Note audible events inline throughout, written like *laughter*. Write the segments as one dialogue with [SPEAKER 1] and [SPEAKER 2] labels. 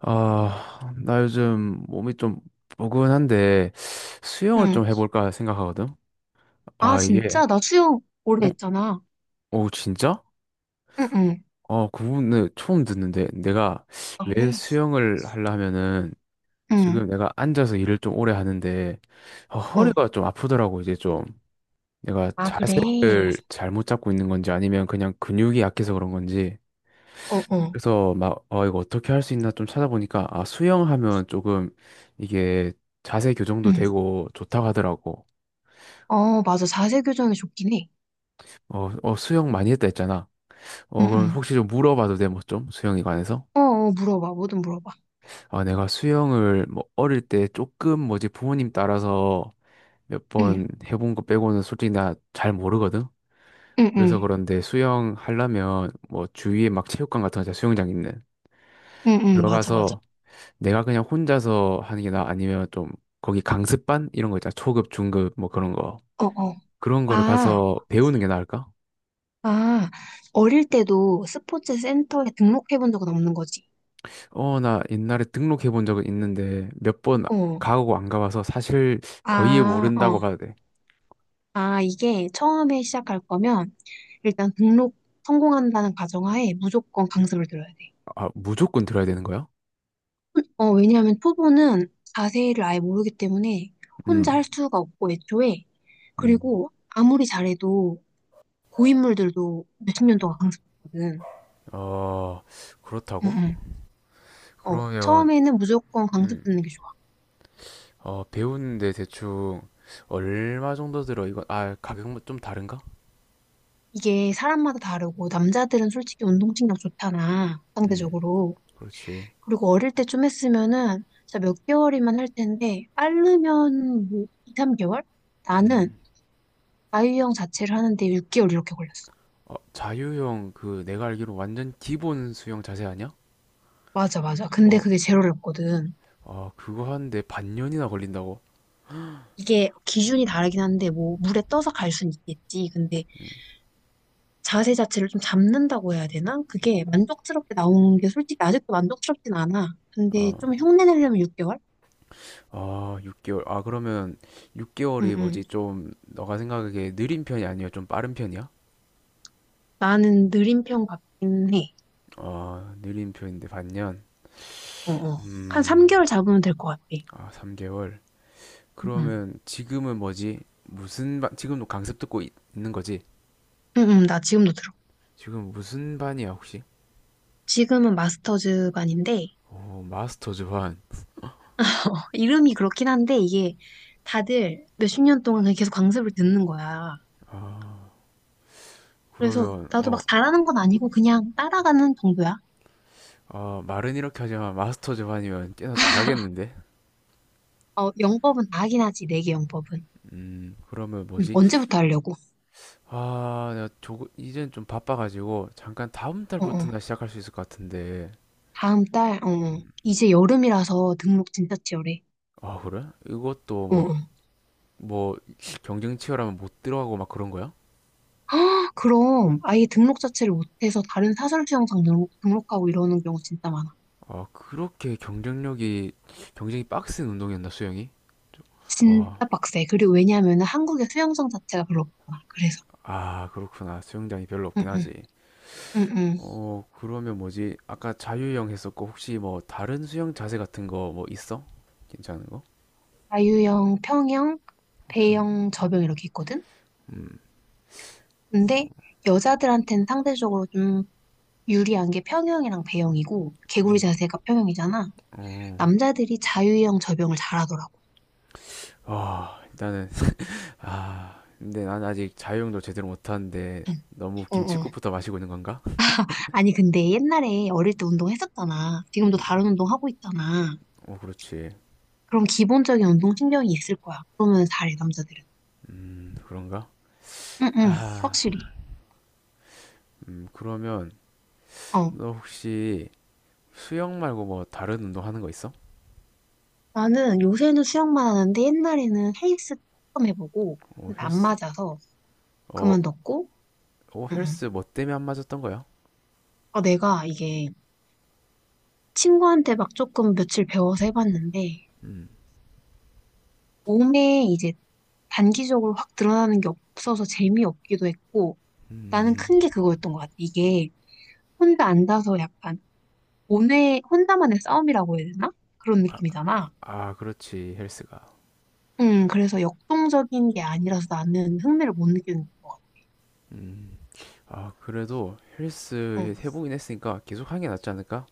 [SPEAKER 1] 아, 나 요즘 몸이 좀 포근한데 수영을
[SPEAKER 2] 응.
[SPEAKER 1] 좀 해볼까 생각하거든.
[SPEAKER 2] 아,
[SPEAKER 1] 아, 이게,
[SPEAKER 2] 진짜? 나 수영 오래
[SPEAKER 1] 어?
[SPEAKER 2] 했잖아.
[SPEAKER 1] 오, 진짜?
[SPEAKER 2] 응, 응.
[SPEAKER 1] 어, 그분은 처음 듣는데 내가
[SPEAKER 2] 아,
[SPEAKER 1] 왜
[SPEAKER 2] 그래?
[SPEAKER 1] 수영을 하려면은 지금
[SPEAKER 2] 응.
[SPEAKER 1] 내가 앉아서 일을 좀 오래 하는데
[SPEAKER 2] 어.
[SPEAKER 1] 허리가 좀 아프더라고. 이제 좀 내가
[SPEAKER 2] 아, 그래.
[SPEAKER 1] 자세를 잘못 잡고 있는 건지 아니면 그냥 근육이 약해서 그런 건지.
[SPEAKER 2] 어, 어.
[SPEAKER 1] 그래서 막, 이거 어떻게 할 수 있나 좀 찾아보니까, 아, 수영하면 조금 이게 자세 교정도
[SPEAKER 2] 응.
[SPEAKER 1] 되고 좋다고 하더라고.
[SPEAKER 2] 어, 맞아. 자세 교정이 좋긴 해.
[SPEAKER 1] 어, 어, 수영 많이 했다 했잖아. 어,
[SPEAKER 2] 응,
[SPEAKER 1] 그럼
[SPEAKER 2] 응.
[SPEAKER 1] 혹시 좀 물어봐도 돼, 뭐 좀? 수영에 관해서?
[SPEAKER 2] 어, 어, 물어봐. 뭐든 물어봐.
[SPEAKER 1] 아, 내가 수영을 뭐 어릴 때 조금 뭐지 부모님 따라서 몇
[SPEAKER 2] 응,
[SPEAKER 1] 번 해본 거 빼고는 솔직히 나 잘 모르거든?
[SPEAKER 2] 응,
[SPEAKER 1] 그래서
[SPEAKER 2] 응.
[SPEAKER 1] 그런데 수영 하려면 뭐 주위에 막 체육관 같은 거 있잖아, 수영장 있는.
[SPEAKER 2] 응, 응. 맞아, 맞아.
[SPEAKER 1] 들어가서 내가 그냥 혼자서 하는 게 나 아니면 좀 거기 강습반 이런 거 있잖아. 초급, 중급 뭐 그런 거.
[SPEAKER 2] 어, 어.
[SPEAKER 1] 그런 거를
[SPEAKER 2] 아,
[SPEAKER 1] 가서 배우는 게 나을까?
[SPEAKER 2] 아. 어릴 때도 스포츠 센터에 등록해 본 적은 없는 거지.
[SPEAKER 1] 어, 나 옛날에 등록해 본 적은 있는데 몇 번
[SPEAKER 2] 어.
[SPEAKER 1] 가고 안 가봐서 사실 거의
[SPEAKER 2] 아,
[SPEAKER 1] 모른다고
[SPEAKER 2] 어.
[SPEAKER 1] 봐도 돼.
[SPEAKER 2] 아, 이게 처음에 시작할 거면 일단 등록 성공한다는 가정하에 무조건 강습을 들어야 돼.
[SPEAKER 1] 아, 무조건 들어야 되는 거야?
[SPEAKER 2] 어, 왜냐하면 초보는 자세를 아예 모르기 때문에 혼자
[SPEAKER 1] 음,
[SPEAKER 2] 할 수가 없고 애초에
[SPEAKER 1] 음.
[SPEAKER 2] 그리고 아무리 잘해도 고인물들도 몇십 년 동안 강습하거든.
[SPEAKER 1] 어,
[SPEAKER 2] 응,
[SPEAKER 1] 그렇다고?
[SPEAKER 2] 응. 어,
[SPEAKER 1] 그러면,
[SPEAKER 2] 처음에는 무조건 강습
[SPEAKER 1] 음,
[SPEAKER 2] 듣는 게 좋아.
[SPEAKER 1] 배우는데 대충 얼마 정도 들어? 이건, 아, 가격은 좀 다른가?
[SPEAKER 2] 이게 사람마다 다르고 남자들은 솔직히 운동신경 좋잖아,
[SPEAKER 1] 음,
[SPEAKER 2] 상대적으로.
[SPEAKER 1] 그렇지.
[SPEAKER 2] 그리고 어릴 때 좀 했으면은 진짜 몇 개월이면 할 텐데 빠르면 뭐 2~3개월? 나는
[SPEAKER 1] 음.
[SPEAKER 2] 아이유형 자체를 하는데 6개월 이렇게 걸렸어.
[SPEAKER 1] 어, 자유형 그 내가 알기로 완전 기본 수영 자세 아니야?
[SPEAKER 2] 맞아, 맞아. 근데
[SPEAKER 1] 어,
[SPEAKER 2] 그게 제일 어렵거든.
[SPEAKER 1] 아, 그거 하는데 반년이나 걸린다고?
[SPEAKER 2] 이게 기준이 다르긴 한데 뭐 물에 떠서 갈 순 있겠지. 근데 자세 자체를 좀 잡는다고 해야 되나? 그게 만족스럽게 나오는 게 솔직히 아직도 만족스럽진 않아. 근데 좀
[SPEAKER 1] 아,
[SPEAKER 2] 흉내 내려면 6개월?
[SPEAKER 1] 아, 6개월. 아, 그러면
[SPEAKER 2] 응,
[SPEAKER 1] 6개월이
[SPEAKER 2] 응.
[SPEAKER 1] 뭐지? 좀 너가 생각하기에 느린 편이 아니야? 좀 빠른 편이야?
[SPEAKER 2] 나는 느린 편 같긴 해.
[SPEAKER 1] 아, 느린 편인데 반년.
[SPEAKER 2] 어, 어. 한
[SPEAKER 1] 음,
[SPEAKER 2] 3개월 잡으면 될 것 같아.
[SPEAKER 1] 아, 3개월.
[SPEAKER 2] 응, 응.
[SPEAKER 1] 그러면 지금은 뭐지? 무슨 반, 지금도 강습 듣고 있, 는 거지?
[SPEAKER 2] 응, 응, 나 지금도 들어.
[SPEAKER 1] 지금 무슨 반이야, 혹시?
[SPEAKER 2] 지금은 마스터즈 반인데
[SPEAKER 1] 어, 마스터즈 반.
[SPEAKER 2] *laughs* 이름이 그렇긴 한데 이게 다들 몇십 년 동안 그냥 계속 강습을 듣는 거야. 그래서
[SPEAKER 1] 그러면
[SPEAKER 2] 나도
[SPEAKER 1] 어,
[SPEAKER 2] 막 잘하는 건 아니고 그냥 따라가는 정도야.
[SPEAKER 1] 어, 말은 이렇게 하지만 마스터 즈반이면 꽤나 잘하겠는데?
[SPEAKER 2] 어, 영법은 나긴 하지, 내게 영법은.
[SPEAKER 1] 그러면
[SPEAKER 2] 응,
[SPEAKER 1] 뭐지?
[SPEAKER 2] 언제부터 하려고?
[SPEAKER 1] 아, 내가 조금, 이젠 좀 바빠가지고, 잠깐 다음
[SPEAKER 2] 어, 어.
[SPEAKER 1] 달부터나 시작할 수 있을 것 같은데.
[SPEAKER 2] 다음 달? 어, 어. 이제 여름이라서 등록 진짜 치열해.
[SPEAKER 1] 아, 그래? 이것도
[SPEAKER 2] 어,
[SPEAKER 1] 뭐,
[SPEAKER 2] 어.
[SPEAKER 1] 뭐, 경쟁 치열하면 못 들어가고 막 그런 거야?
[SPEAKER 2] 아, 그럼 아예 등록 자체를 못해서 다른 사설 수영장 등록하고 이러는 경우 진짜 많아.
[SPEAKER 1] 아, 그렇게 경쟁이 빡센 운동이었나, 수영이? 저- 어,
[SPEAKER 2] 진짜 빡세. 그리고 왜냐면은 하 한국의 수영장 자체가 별로 없잖아. 그래서.
[SPEAKER 1] 아, 그렇구나. 수영장이 별로
[SPEAKER 2] 응,
[SPEAKER 1] 없긴
[SPEAKER 2] 응,
[SPEAKER 1] 하지.
[SPEAKER 2] 응, 응.
[SPEAKER 1] 어, 그러면 뭐지? 아까 자유형 했었고, 혹시 뭐, 다른 수영 자세 같은 거 뭐 있어? 괜찮은 거?
[SPEAKER 2] 자유형, 평형,
[SPEAKER 1] 편.
[SPEAKER 2] 배영, 접영 이렇게 있거든?
[SPEAKER 1] 음.
[SPEAKER 2] 근데
[SPEAKER 1] 어.
[SPEAKER 2] 여자들한테는 상대적으로 좀 유리한 게 평형이랑 배영이고, 개구리
[SPEAKER 1] 음.
[SPEAKER 2] 자세가 평형이잖아.
[SPEAKER 1] 어.
[SPEAKER 2] 남자들이 자유형 접영을 잘하더라고.
[SPEAKER 1] 아, 일단은 아, 근데 난 아직 자유형도 제대로 못 하는데
[SPEAKER 2] 응.
[SPEAKER 1] 너무
[SPEAKER 2] 응, 응.
[SPEAKER 1] 김칫국부터 마시고 있는 건가?
[SPEAKER 2] 아니, 근데 옛날에 어릴 때 운동했었잖아. 지금도 다른 운동 하고 있잖아.
[SPEAKER 1] 어, 그렇지.
[SPEAKER 2] 그럼 기본적인 운동신경이 있을 거야. 그러면 잘해, 남자들은.
[SPEAKER 1] 그런가?
[SPEAKER 2] 응, 응,
[SPEAKER 1] 아,
[SPEAKER 2] 확실히.
[SPEAKER 1] 그러면
[SPEAKER 2] 어.
[SPEAKER 1] 너 혹시 수영 말고 뭐 다른 운동 하는 거 있어?
[SPEAKER 2] 나는 요새는 수영만 하는데 옛날에는 헬스 조금 해보고,
[SPEAKER 1] 어,
[SPEAKER 2] 근데 안
[SPEAKER 1] 헬스.
[SPEAKER 2] 맞아서
[SPEAKER 1] 어,
[SPEAKER 2] 그만뒀고,
[SPEAKER 1] 어,
[SPEAKER 2] 응, 응.
[SPEAKER 1] 헬스 뭐 때문에 안 맞았던 거야?
[SPEAKER 2] 아 내가 이게 친구한테 막 조금 며칠 배워서 해봤는데,
[SPEAKER 1] 음.
[SPEAKER 2] 몸에 이제 단기적으로 확 드러나는 게 없어서 재미없기도 했고, 나는
[SPEAKER 1] 음.
[SPEAKER 2] 큰 게 그거였던 것 같아. 이게 혼자 앉아서 약간 혼자만의 싸움이라고 해야 되나? 그런 느낌이잖아.
[SPEAKER 1] 아, 그렇지. 헬스가.
[SPEAKER 2] 응, 그래서 역동적인 게 아니라서 나는 흥미를 못 느끼는 것 같아.
[SPEAKER 1] 음. 아, 그래도
[SPEAKER 2] 응.
[SPEAKER 1] 헬스 해보긴 했으니까 계속 하는 게 낫지 않을까?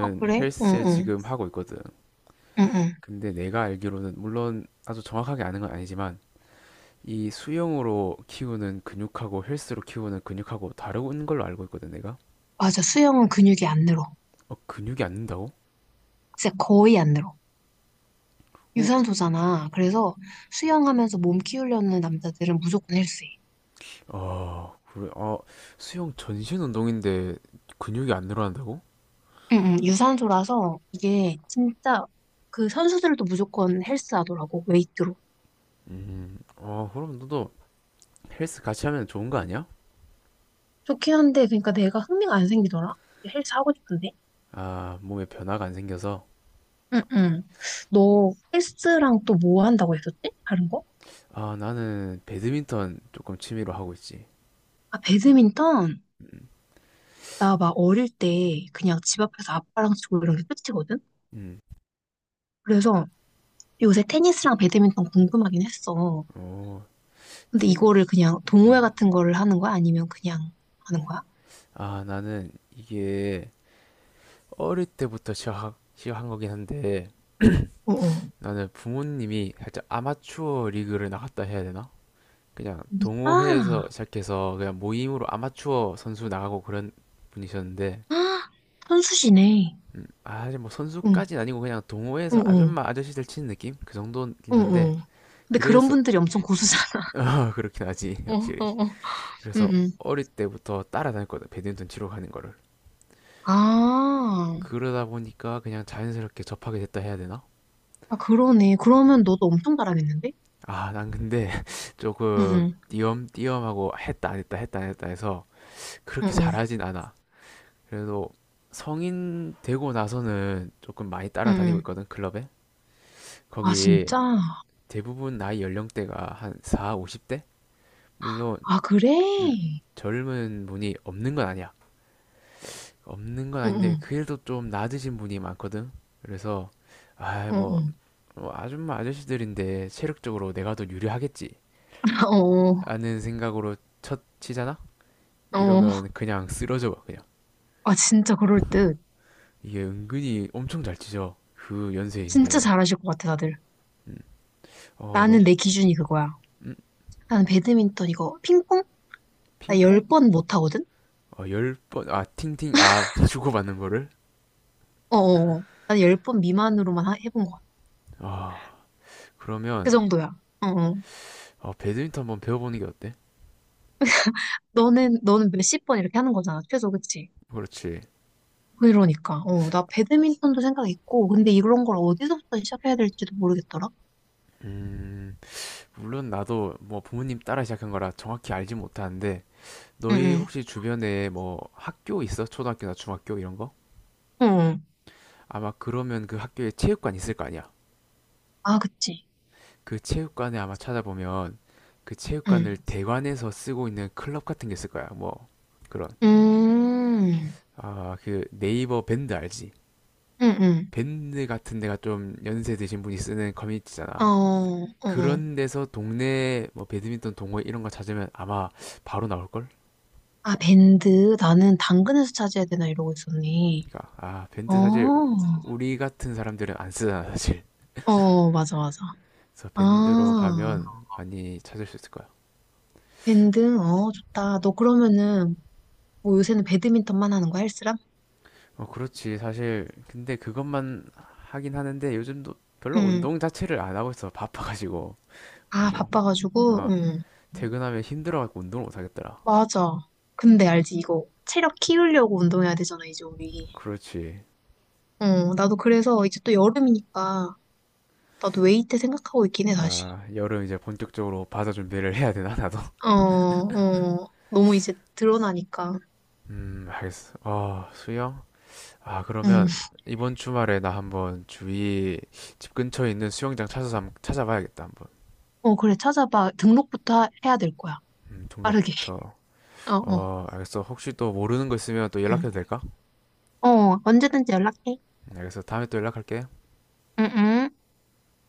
[SPEAKER 2] 어, 그래? 응,
[SPEAKER 1] 헬스
[SPEAKER 2] 응,
[SPEAKER 1] 지금 하고 있거든.
[SPEAKER 2] 응, 응.
[SPEAKER 1] 근데 내가 알기로는 물론 아주 정확하게 아는 건 아니지만 이 수영으로 키우는 근육하고 헬스로 키우는 근육하고 다른 걸로 알고 있거든, 내가.
[SPEAKER 2] 맞아, 수영은 근육이 안 늘어.
[SPEAKER 1] 어, 근육이 안 는다고?
[SPEAKER 2] 진짜 거의 안 늘어.
[SPEAKER 1] 어?
[SPEAKER 2] 유산소잖아. 그래서 수영하면서 몸 키우려는 남자들은 무조건 헬스해.
[SPEAKER 1] 아, 그래. 아, 수영 전신 운동인데 근육이 안 늘어난다고?
[SPEAKER 2] 응, 응, 유산소라서 이게 진짜 그 선수들도 무조건 헬스 하더라고, 웨이트로.
[SPEAKER 1] 아, 그럼 너도 헬스 같이 하면 좋은 거 아니야?
[SPEAKER 2] 좋긴 한데, 그러니까 내가 흥미가 안 생기더라? 헬스 하고 싶은데?
[SPEAKER 1] 아, 몸에 변화가 안 생겨서.
[SPEAKER 2] 응, 응. 너 헬스랑 또 뭐 한다고 했었지? 다른 거?
[SPEAKER 1] 아, 나는 배드민턴 조금 취미로 하고 있지.
[SPEAKER 2] 아, 배드민턴?
[SPEAKER 1] 음,
[SPEAKER 2] 나 막 어릴 때 그냥 집 앞에서 아빠랑 치고 이런 게 끝이거든?
[SPEAKER 1] 음.
[SPEAKER 2] 그래서 요새 테니스랑 배드민턴 궁금하긴 했어.
[SPEAKER 1] 오,
[SPEAKER 2] 근데
[SPEAKER 1] 테니,
[SPEAKER 2] 이거를 그냥 동호회
[SPEAKER 1] 음.
[SPEAKER 2] 같은 거를 하는 거야? 아니면 그냥 하는 거야?
[SPEAKER 1] 아, 나는 이게 어릴 때부터 시작한 거긴 한데, *clears throat*
[SPEAKER 2] 어, 어.
[SPEAKER 1] 나는 부모님이 살짝 아마추어 리그를 나갔다 해야 되나? 그냥 동호회에서
[SPEAKER 2] 아,
[SPEAKER 1] 시작해서 그냥 모임으로 아마추어 선수 나가고 그런 분이셨는데,
[SPEAKER 2] 아, *gasps* 선수시네.
[SPEAKER 1] 아, 사실 뭐
[SPEAKER 2] 응,
[SPEAKER 1] 선수까지는 아니고 그냥
[SPEAKER 2] 응,
[SPEAKER 1] 동호회에서
[SPEAKER 2] 응,
[SPEAKER 1] 아줌마 아저씨들 치는 느낌? 그 정도긴
[SPEAKER 2] 응,
[SPEAKER 1] 한데,
[SPEAKER 2] 응. 근데 그런
[SPEAKER 1] 그래서,
[SPEAKER 2] 분들이 엄청 고수잖아.
[SPEAKER 1] *laughs*
[SPEAKER 2] *laughs*
[SPEAKER 1] 어, 그렇긴 하지,
[SPEAKER 2] 응,
[SPEAKER 1] 확실히.
[SPEAKER 2] 응, 응, 응.
[SPEAKER 1] 그래서
[SPEAKER 2] 응.
[SPEAKER 1] 어릴 때부터 따라다녔거든 배드민턴 치러 가는 거를
[SPEAKER 2] 아,
[SPEAKER 1] 그러다 보니까 그냥 자연스럽게 접하게 됐다 해야 되나?
[SPEAKER 2] 아, 그러네. 그러면 너도 엄청 잘하겠는데?
[SPEAKER 1] 아 난 근데 *laughs*
[SPEAKER 2] 응,
[SPEAKER 1] 조금
[SPEAKER 2] 응,
[SPEAKER 1] 띄엄띄엄하고 했다 안 했다 했다 안 했다 해서
[SPEAKER 2] 응,
[SPEAKER 1] 그렇게
[SPEAKER 2] 응,
[SPEAKER 1] 잘하진 않아 그래도 성인 되고 나서는 조금 많이
[SPEAKER 2] 응.
[SPEAKER 1] 따라다니고
[SPEAKER 2] 응.
[SPEAKER 1] 있거든 클럽에.
[SPEAKER 2] 아,
[SPEAKER 1] 거기
[SPEAKER 2] 진짜?
[SPEAKER 1] 대부분 나이 연령대가 한 4, 50대? 물론
[SPEAKER 2] 아, 그래?
[SPEAKER 1] 음, 젊은 분이 없는 건 아니야. 없는 건
[SPEAKER 2] 응,
[SPEAKER 1] 아닌데
[SPEAKER 2] 응,
[SPEAKER 1] 그래도 좀 낮으신 분이 많거든. 그래서 아,
[SPEAKER 2] 응,
[SPEAKER 1] 뭐,
[SPEAKER 2] 응.
[SPEAKER 1] 아줌마 아저씨들인데 체력적으로 내가 더 유리하겠지
[SPEAKER 2] *laughs* 어,
[SPEAKER 1] 라는 생각으로 첫 치잖아?
[SPEAKER 2] 어.
[SPEAKER 1] 이러면 그냥 쓰러져 봐 그냥.
[SPEAKER 2] 아, 진짜 그럴 듯.
[SPEAKER 1] 이게 은근히 엄청 잘 치죠 그
[SPEAKER 2] 진짜
[SPEAKER 1] 연세이신데도.
[SPEAKER 2] 잘하실 것 같아, 다들.
[SPEAKER 1] 음. 어, 너?
[SPEAKER 2] 나는 내 기준이 그거야.
[SPEAKER 1] 음?
[SPEAKER 2] 나는 배드민턴 이거 핑퐁? 나 열
[SPEAKER 1] 핑퐁?
[SPEAKER 2] 번 못하거든?
[SPEAKER 1] 어, 10번, 아, 팅팅, 아, *laughs* 주고받는 거를?
[SPEAKER 2] 어어어. 난 열 번 미만으로만 해본 것 같아.
[SPEAKER 1] 아,
[SPEAKER 2] 그
[SPEAKER 1] 그러면,
[SPEAKER 2] 정도야. 어어.
[SPEAKER 1] 배드민턴 한번 배워보는 게 어때?
[SPEAKER 2] 너는, 너는 몇십 번 이렇게 하는 거잖아, 최소, 그치?
[SPEAKER 1] 그렇지.
[SPEAKER 2] 그러니까, 어, 나 배드민턴도 생각 있고, 근데 이런 걸 어디서부터 시작해야 될지도 모르겠더라?
[SPEAKER 1] 음, 물론 나도 뭐 부모님 따라 시작한 거라 정확히 알지 못하는데, 너희
[SPEAKER 2] 응,
[SPEAKER 1] 혹시 주변에 뭐 학교 있어? 초등학교나 중학교 이런 거?
[SPEAKER 2] 응, 응.
[SPEAKER 1] 아마 그러면 그 학교에 체육관 있을 거 아니야.
[SPEAKER 2] 아, 그치.
[SPEAKER 1] 그 체육관에 아마 찾아보면 그
[SPEAKER 2] 응.
[SPEAKER 1] 체육관을 대관해서 쓰고 있는 클럽 같은 게 있을 거야. 뭐 그런.
[SPEAKER 2] 음,
[SPEAKER 1] 아, 그 네이버 밴드 알지?
[SPEAKER 2] 응, 응.
[SPEAKER 1] 밴드 같은 데가 좀 연세 드신 분이 쓰는
[SPEAKER 2] 어,
[SPEAKER 1] 커뮤니티잖아.
[SPEAKER 2] 어, 어.
[SPEAKER 1] 그런 데서 동네 뭐 배드민턴 동호회 이런 거 찾으면 아마 바로 나올 걸?
[SPEAKER 2] 아, 밴드. 나는 당근에서 찾아야 되나 이러고 있었니
[SPEAKER 1] 그러니까 아,
[SPEAKER 2] 어,
[SPEAKER 1] 밴드 사실 우리 같은 사람들은 안 쓰잖아, 사실.
[SPEAKER 2] 어, 맞아, 맞아.
[SPEAKER 1] 그래서 밴드로
[SPEAKER 2] 아,
[SPEAKER 1] 가면 많이 찾을 수 있을 거야.
[SPEAKER 2] 밴드. 어, 좋다. 너 그러면은, 뭐 요새는 배드민턴만 하는 거야, 헬스랑?
[SPEAKER 1] 어, 그렇지. 사실, 근데 그것만 하긴 하는데 요즘도 별로
[SPEAKER 2] 응,
[SPEAKER 1] 운동 자체를 안 하고 있어. 바빠가지고.
[SPEAKER 2] 아,
[SPEAKER 1] 운동.
[SPEAKER 2] 바빠가지고,
[SPEAKER 1] 아,
[SPEAKER 2] 응.
[SPEAKER 1] 퇴근하면 힘들어갖고 운동을 못 하겠더라.
[SPEAKER 2] 맞아. 근데 알지, 이거. 체력 키우려고 운동해야 되잖아, 이제 우리.
[SPEAKER 1] 그렇지.
[SPEAKER 2] 어, 나도 그래서 이제 또 여름이니까 나도 웨이트 생각하고 있긴 해, 다시.
[SPEAKER 1] 아, 여름 이제 본격적으로 바다 준비를 해야 되나, 나도?
[SPEAKER 2] 어,
[SPEAKER 1] *laughs*
[SPEAKER 2] 어, 너무 이제 드러나니까.
[SPEAKER 1] 알겠어. 아, 수영? 아,
[SPEAKER 2] 응.
[SPEAKER 1] 그러면 이번 주말에 나 한번 주위 집 근처에 있는 수영장 찾아서 한번 찾아봐야겠다, 한번.
[SPEAKER 2] 어, 그래, 찾아봐. 등록부터 해야 될 거야. 빠르게. *laughs*
[SPEAKER 1] 등록부터.
[SPEAKER 2] 어, 어.
[SPEAKER 1] 어, 알겠어. 혹시 또 모르는 거 있으면 또
[SPEAKER 2] 응.
[SPEAKER 1] 연락해도 될까?
[SPEAKER 2] 어, 언제든지 연락해.
[SPEAKER 1] 알겠어. 다음에 또 연락할게.
[SPEAKER 2] 응, 응.